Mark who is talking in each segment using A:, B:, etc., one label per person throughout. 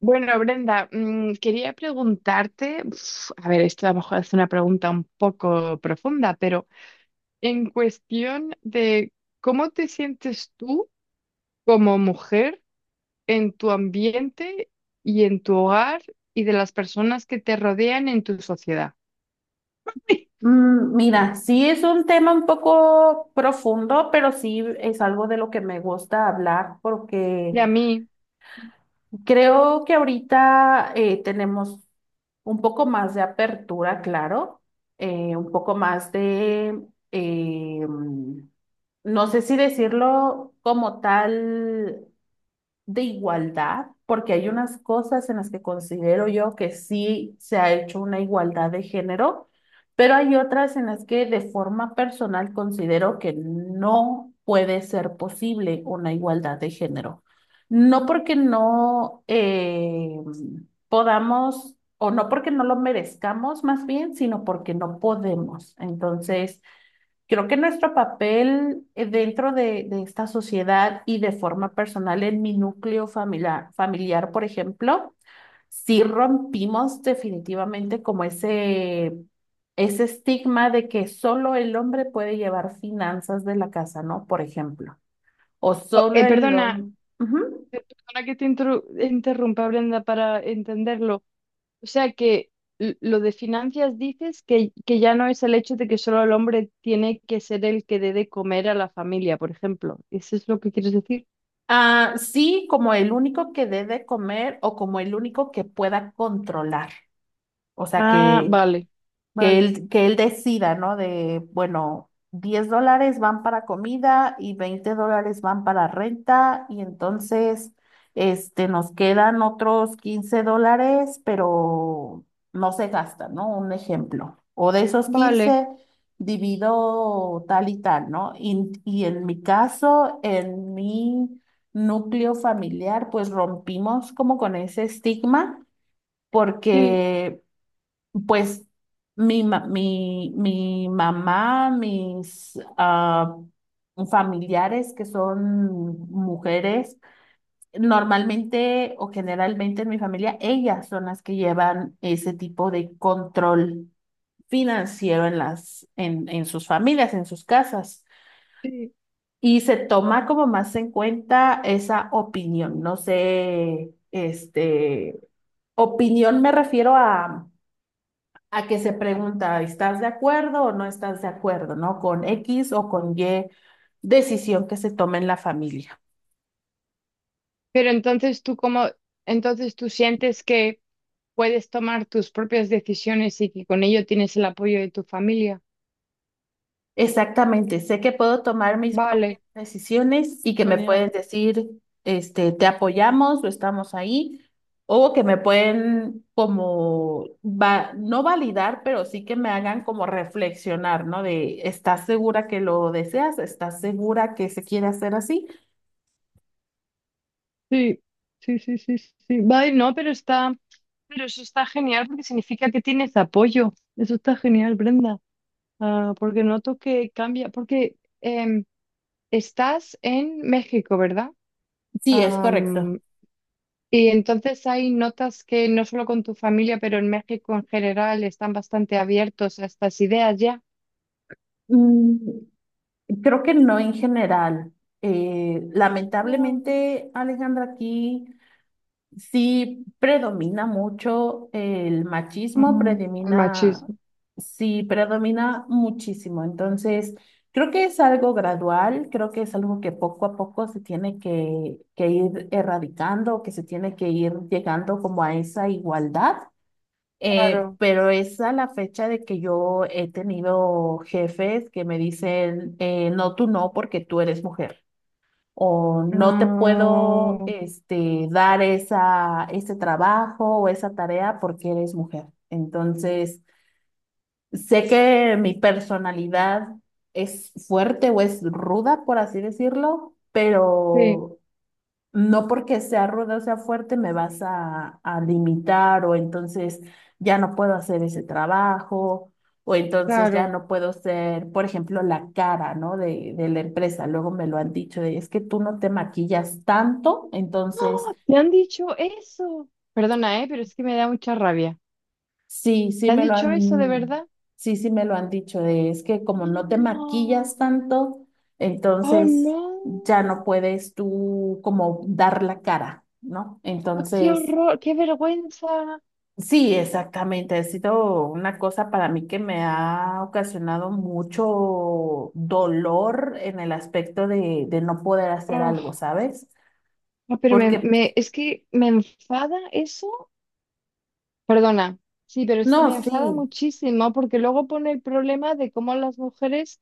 A: Bueno, Brenda, quería preguntarte, a ver, esto a lo mejor es una pregunta un poco profunda, pero en cuestión de cómo te sientes tú como mujer en tu ambiente y en tu hogar y de las personas que te rodean en tu sociedad.
B: Mira, sí es un tema un poco profundo, pero sí es algo de lo que me gusta hablar porque
A: Y a mí,
B: creo que ahorita tenemos un poco más de apertura, claro, un poco más de, eh, mm, no sé si decirlo como tal de igualdad, porque hay unas cosas en las que considero yo que sí se ha hecho una igualdad de género, pero hay otras en las que de forma personal considero que no puede ser posible una igualdad de género. No porque
A: mm,
B: no podamos, o no porque no lo merezcamos más bien, sino porque no podemos. Entonces. Creo que nuestro papel dentro de esta sociedad y de forma personal en mi núcleo familiar, por ejemplo, sí rompimos definitivamente como ese estigma de que solo el hombre puede llevar finanzas de la casa, ¿no? Por ejemplo, o
A: oh,
B: solo el
A: perdona,
B: hombre.
A: perdona que te interrumpa, Brenda, para entenderlo. O sea que lo de finanzas dices que ya no es el hecho de que solo el hombre tiene que ser el que dé de comer a la familia, por ejemplo. ¿Eso es lo que quieres decir?
B: Ah, sí, como el único que debe comer o como el único que pueda controlar. O sea,
A: Ah,
B: que
A: vale,
B: que
A: vale,
B: él, que él decida, ¿no? De, bueno, 10 dólares van para comida y 20 dólares van para renta y entonces, este, nos quedan otros 15 dólares, pero no se gastan, ¿no? Un ejemplo. O de esos
A: vale,
B: 15 divido tal y tal, ¿no? Y en mi caso, en mi núcleo familiar, pues rompimos como con ese estigma
A: sí,
B: porque pues mi mamá, mis familiares que son mujeres, normalmente o generalmente en mi familia, ellas son las que llevan ese tipo de control financiero en sus familias, en sus casas.
A: sí.
B: Y se toma como más en cuenta esa opinión. No sé, este, opinión me refiero a que se pregunta, ¿estás de acuerdo o no estás de acuerdo?, ¿no? Con X o con Y decisión que se tome en la familia.
A: Pero entonces entonces tú sientes que puedes tomar tus propias decisiones y que con ello tienes el apoyo de tu familia.
B: Exactamente, sé que puedo tomar mis propias
A: Vale,
B: decisiones y que me pueden
A: genial.
B: decir, este, te apoyamos o estamos ahí, o que me pueden como, va, no validar, pero sí que me hagan como reflexionar, ¿no? De, ¿estás segura que lo deseas? ¿Estás segura que se quiere hacer así?
A: Sí, sí, sí, sí, sí. Vale, no, pero está. Pero eso está genial porque significa que tienes apoyo. Eso está genial, Brenda. Ah, porque noto que cambia, porque estás en México, ¿verdad?
B: Sí, es correcto.
A: Am, y entonces ahí notas que no solo con tu familia, pero en México en general están bastante abiertos a estas ideas ya.
B: Mm, Creo que no en general.
A: Ah,
B: Lamentablemente, Alejandra, aquí sí predomina mucho el machismo,
A: mm, al
B: predomina,
A: machismo.
B: sí predomina muchísimo. Entonces, creo que es algo gradual, creo que es algo que poco a poco se tiene que ir erradicando, que se tiene que ir llegando como a esa igualdad.
A: Claro.
B: Pero es a la fecha de que yo he tenido jefes que me dicen, no, tú no, porque tú eres mujer. O no te puedo,
A: Ah,
B: este, dar esa, ese trabajo o esa tarea porque eres mujer. Entonces, sé que mi personalidad es fuerte o es ruda, por así decirlo,
A: sí,
B: pero no porque sea ruda o sea fuerte me vas a limitar o entonces ya no puedo hacer ese trabajo o entonces ya
A: claro.
B: no puedo ser, por ejemplo, la cara, ¿no? de, la empresa. Luego me lo han dicho de, es que tú no te maquillas tanto, entonces
A: ¿Te han dicho eso? Perdona, pero es que me da mucha rabia.
B: sí,
A: ¿Te
B: sí
A: han
B: me lo
A: dicho eso de
B: han,
A: verdad?
B: sí, sí me lo han dicho de, es que como no te maquillas
A: No.
B: tanto,
A: Oh,
B: entonces
A: no.
B: ya no puedes tú como dar la cara, ¿no?
A: Oh, qué
B: Entonces.
A: horror, qué vergüenza.
B: Sí, exactamente. Ha sido una cosa para mí que me ha ocasionado mucho dolor en el aspecto de no poder hacer algo,
A: Oh,
B: ¿sabes?
A: no, pero
B: Porque,
A: es que me enfada eso. Perdona. Sí, pero es que me
B: no,
A: enfada
B: sí,
A: muchísimo porque luego pone el problema de cómo las mujeres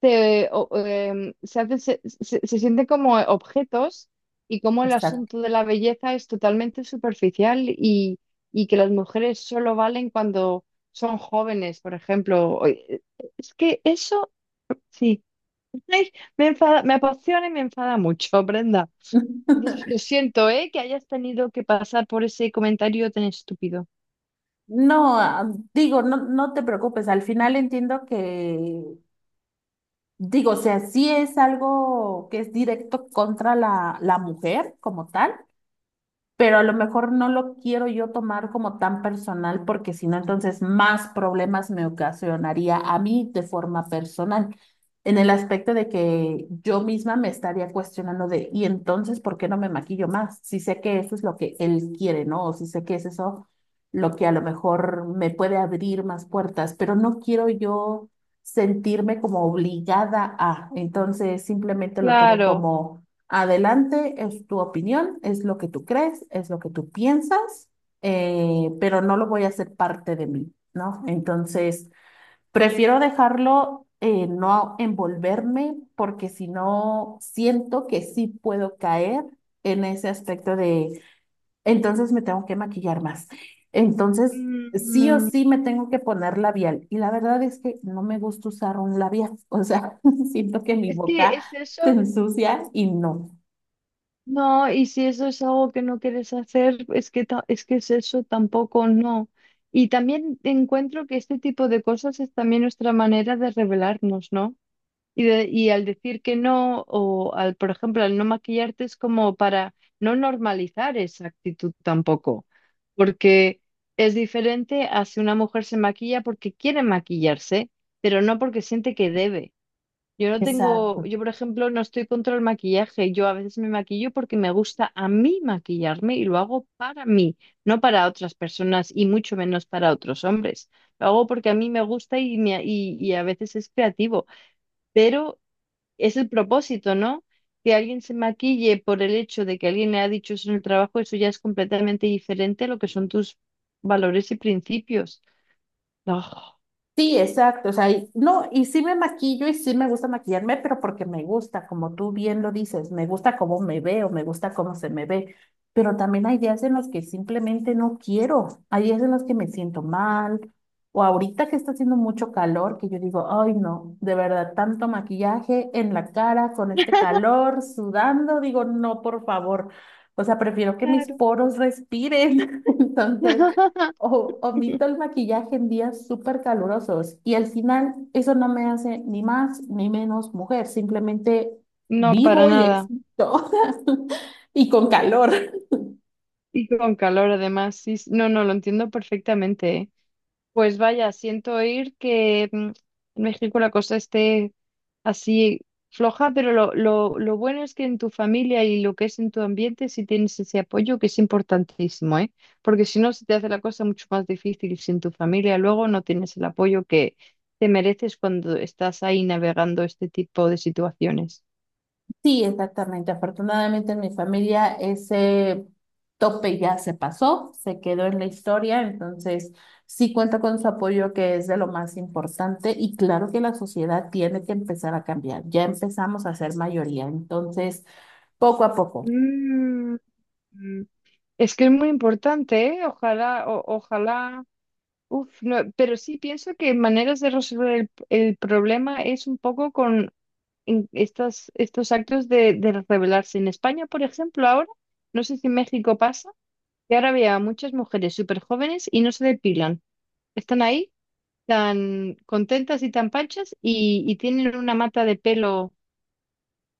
A: se, o- em, se, hacen- se- se sienten como objetos y cómo el
B: exacto.
A: asunto de la belleza es totalmente superficial y que las mujeres solo valen cuando son jóvenes, por ejemplo. O- es que eso, sí. Ay, me enfada, me apasiona y me enfada mucho, Brenda. Entonces, lo siento, ¿eh? Que hayas tenido que pasar por ese comentario tan estúpido.
B: No, digo, no, no te preocupes. Al final entiendo que, digo, o sea, sí es algo que es directo contra la mujer como tal pero a lo mejor no lo quiero yo tomar como tan personal porque si no, entonces más problemas me ocasionaría a mí de forma personal, en el aspecto de que yo misma me estaría cuestionando de, y entonces, ¿por qué no me maquillo más? Si sé que eso es lo que él quiere, ¿no? O si sé que es eso lo que a lo mejor me puede abrir más puertas, pero no quiero yo sentirme como obligada a, entonces simplemente lo tomo
A: Claro.
B: como adelante, es tu opinión, es lo que tú crees, es lo que tú piensas, pero no lo voy a hacer parte de mí, ¿no? Entonces, prefiero dejarlo, no envolverme, porque si no, siento que sí puedo caer en ese aspecto de, entonces me tengo que maquillar más. Entonces, sí o
A: Mm,
B: sí me tengo que poner labial. Y la verdad es que no me gusta usar un labial, o sea, siento que mi
A: es que
B: boca
A: es
B: se
A: eso.
B: ensucia y no.
A: No, y si eso es algo que no quieres hacer, es que es eso tampoco, no. Y también encuentro que este tipo de cosas es también nuestra manera de revelarnos, ¿no? Y al decir que no, o al, por ejemplo, al no maquillarte es como para no normalizar esa actitud tampoco, porque es diferente a si una mujer se maquilla porque quiere maquillarse, pero no porque siente que debe. Yo no tengo,
B: Exacto.
A: yo por ejemplo no estoy contra el maquillaje, yo a veces me maquillo porque me gusta a mí maquillarme y lo hago para mí, no para otras personas y mucho menos para otros hombres. Lo hago porque a mí me gusta y a veces es creativo. Pero es el propósito, ¿no? Que alguien se maquille por el hecho de que alguien le ha dicho eso en el trabajo, eso ya es completamente diferente a lo que son tus valores y principios. No,
B: Sí, exacto. O sea, no, y sí me maquillo y sí me gusta maquillarme, pero porque me gusta, como tú bien lo dices, me gusta cómo me veo, me gusta cómo se me ve. Pero también hay días en los que simplemente no quiero. Hay días en los que me siento mal. O ahorita que está haciendo mucho calor, que yo digo, ay, no, de verdad, tanto maquillaje en la cara con este calor, sudando, digo, no, por favor. O sea, prefiero que mis poros respiren. Entonces. O omito el maquillaje en días súper calurosos y al final eso no me hace ni más ni menos mujer, simplemente
A: no, para
B: vivo y
A: nada.
B: existo y con calor.
A: Y con calor además, sí, sí. No, no, lo entiendo perfectamente, ¿eh? Pues vaya, siento oír que en México la cosa esté así floja, pero lo bueno es que en tu familia y lo que es en tu ambiente sí tienes ese apoyo que es importantísimo, ¿eh? Porque si no, se te hace la cosa mucho más difícil si en tu familia luego no tienes el apoyo que te mereces cuando estás ahí navegando este tipo de situaciones.
B: Sí, exactamente. Afortunadamente en mi familia ese tope ya se pasó, se quedó en la historia, entonces sí cuenta con su apoyo que es de lo más importante y claro que la sociedad tiene que empezar a cambiar. Ya empezamos a ser mayoría, entonces poco a poco.
A: Mm, mm. Es que es muy importante, ¿eh? Ojalá. Uf, no, pero sí pienso que maneras de resolver el problema es un poco con estas, estos actos de rebelarse. En España, por ejemplo, ahora, no sé si en México pasa, que ahora veo a muchas mujeres súper jóvenes y no se depilan. Están ahí tan contentas y tan panchas y tienen una mata de pelo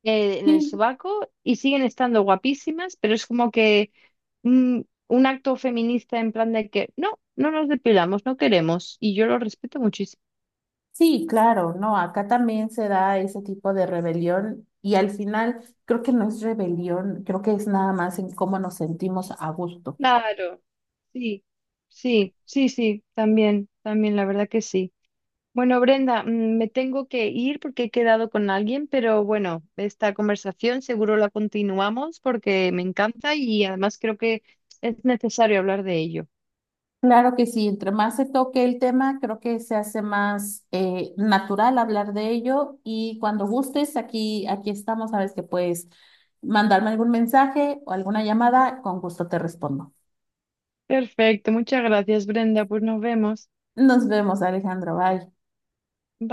A: en el
B: Sí,
A: sobaco y siguen estando guapísimas, pero es como que mm, un acto feminista en plan de que no, no nos depilamos, no queremos, y yo lo respeto muchísimo.
B: sí, claro, no, acá también se da ese tipo de rebelión y al final creo que no es rebelión, creo que es nada más en cómo nos sentimos a gusto.
A: Claro. Sí, sí, sí, sí, también, también, la verdad que sí. Bueno, Brenda, me tengo que ir porque he quedado con alguien, pero bueno, esta conversación seguro la continuamos porque me encanta y además creo que es necesario hablar de ello.
B: Claro que sí, entre más se toque el tema, creo que se hace más natural hablar de ello y cuando gustes, aquí, aquí estamos, sabes que puedes mandarme algún mensaje o alguna llamada, con gusto te respondo.
A: Perfecto, muchas gracias, Brenda, pues nos vemos.
B: Nos vemos, Alejandro, bye.
A: Bye.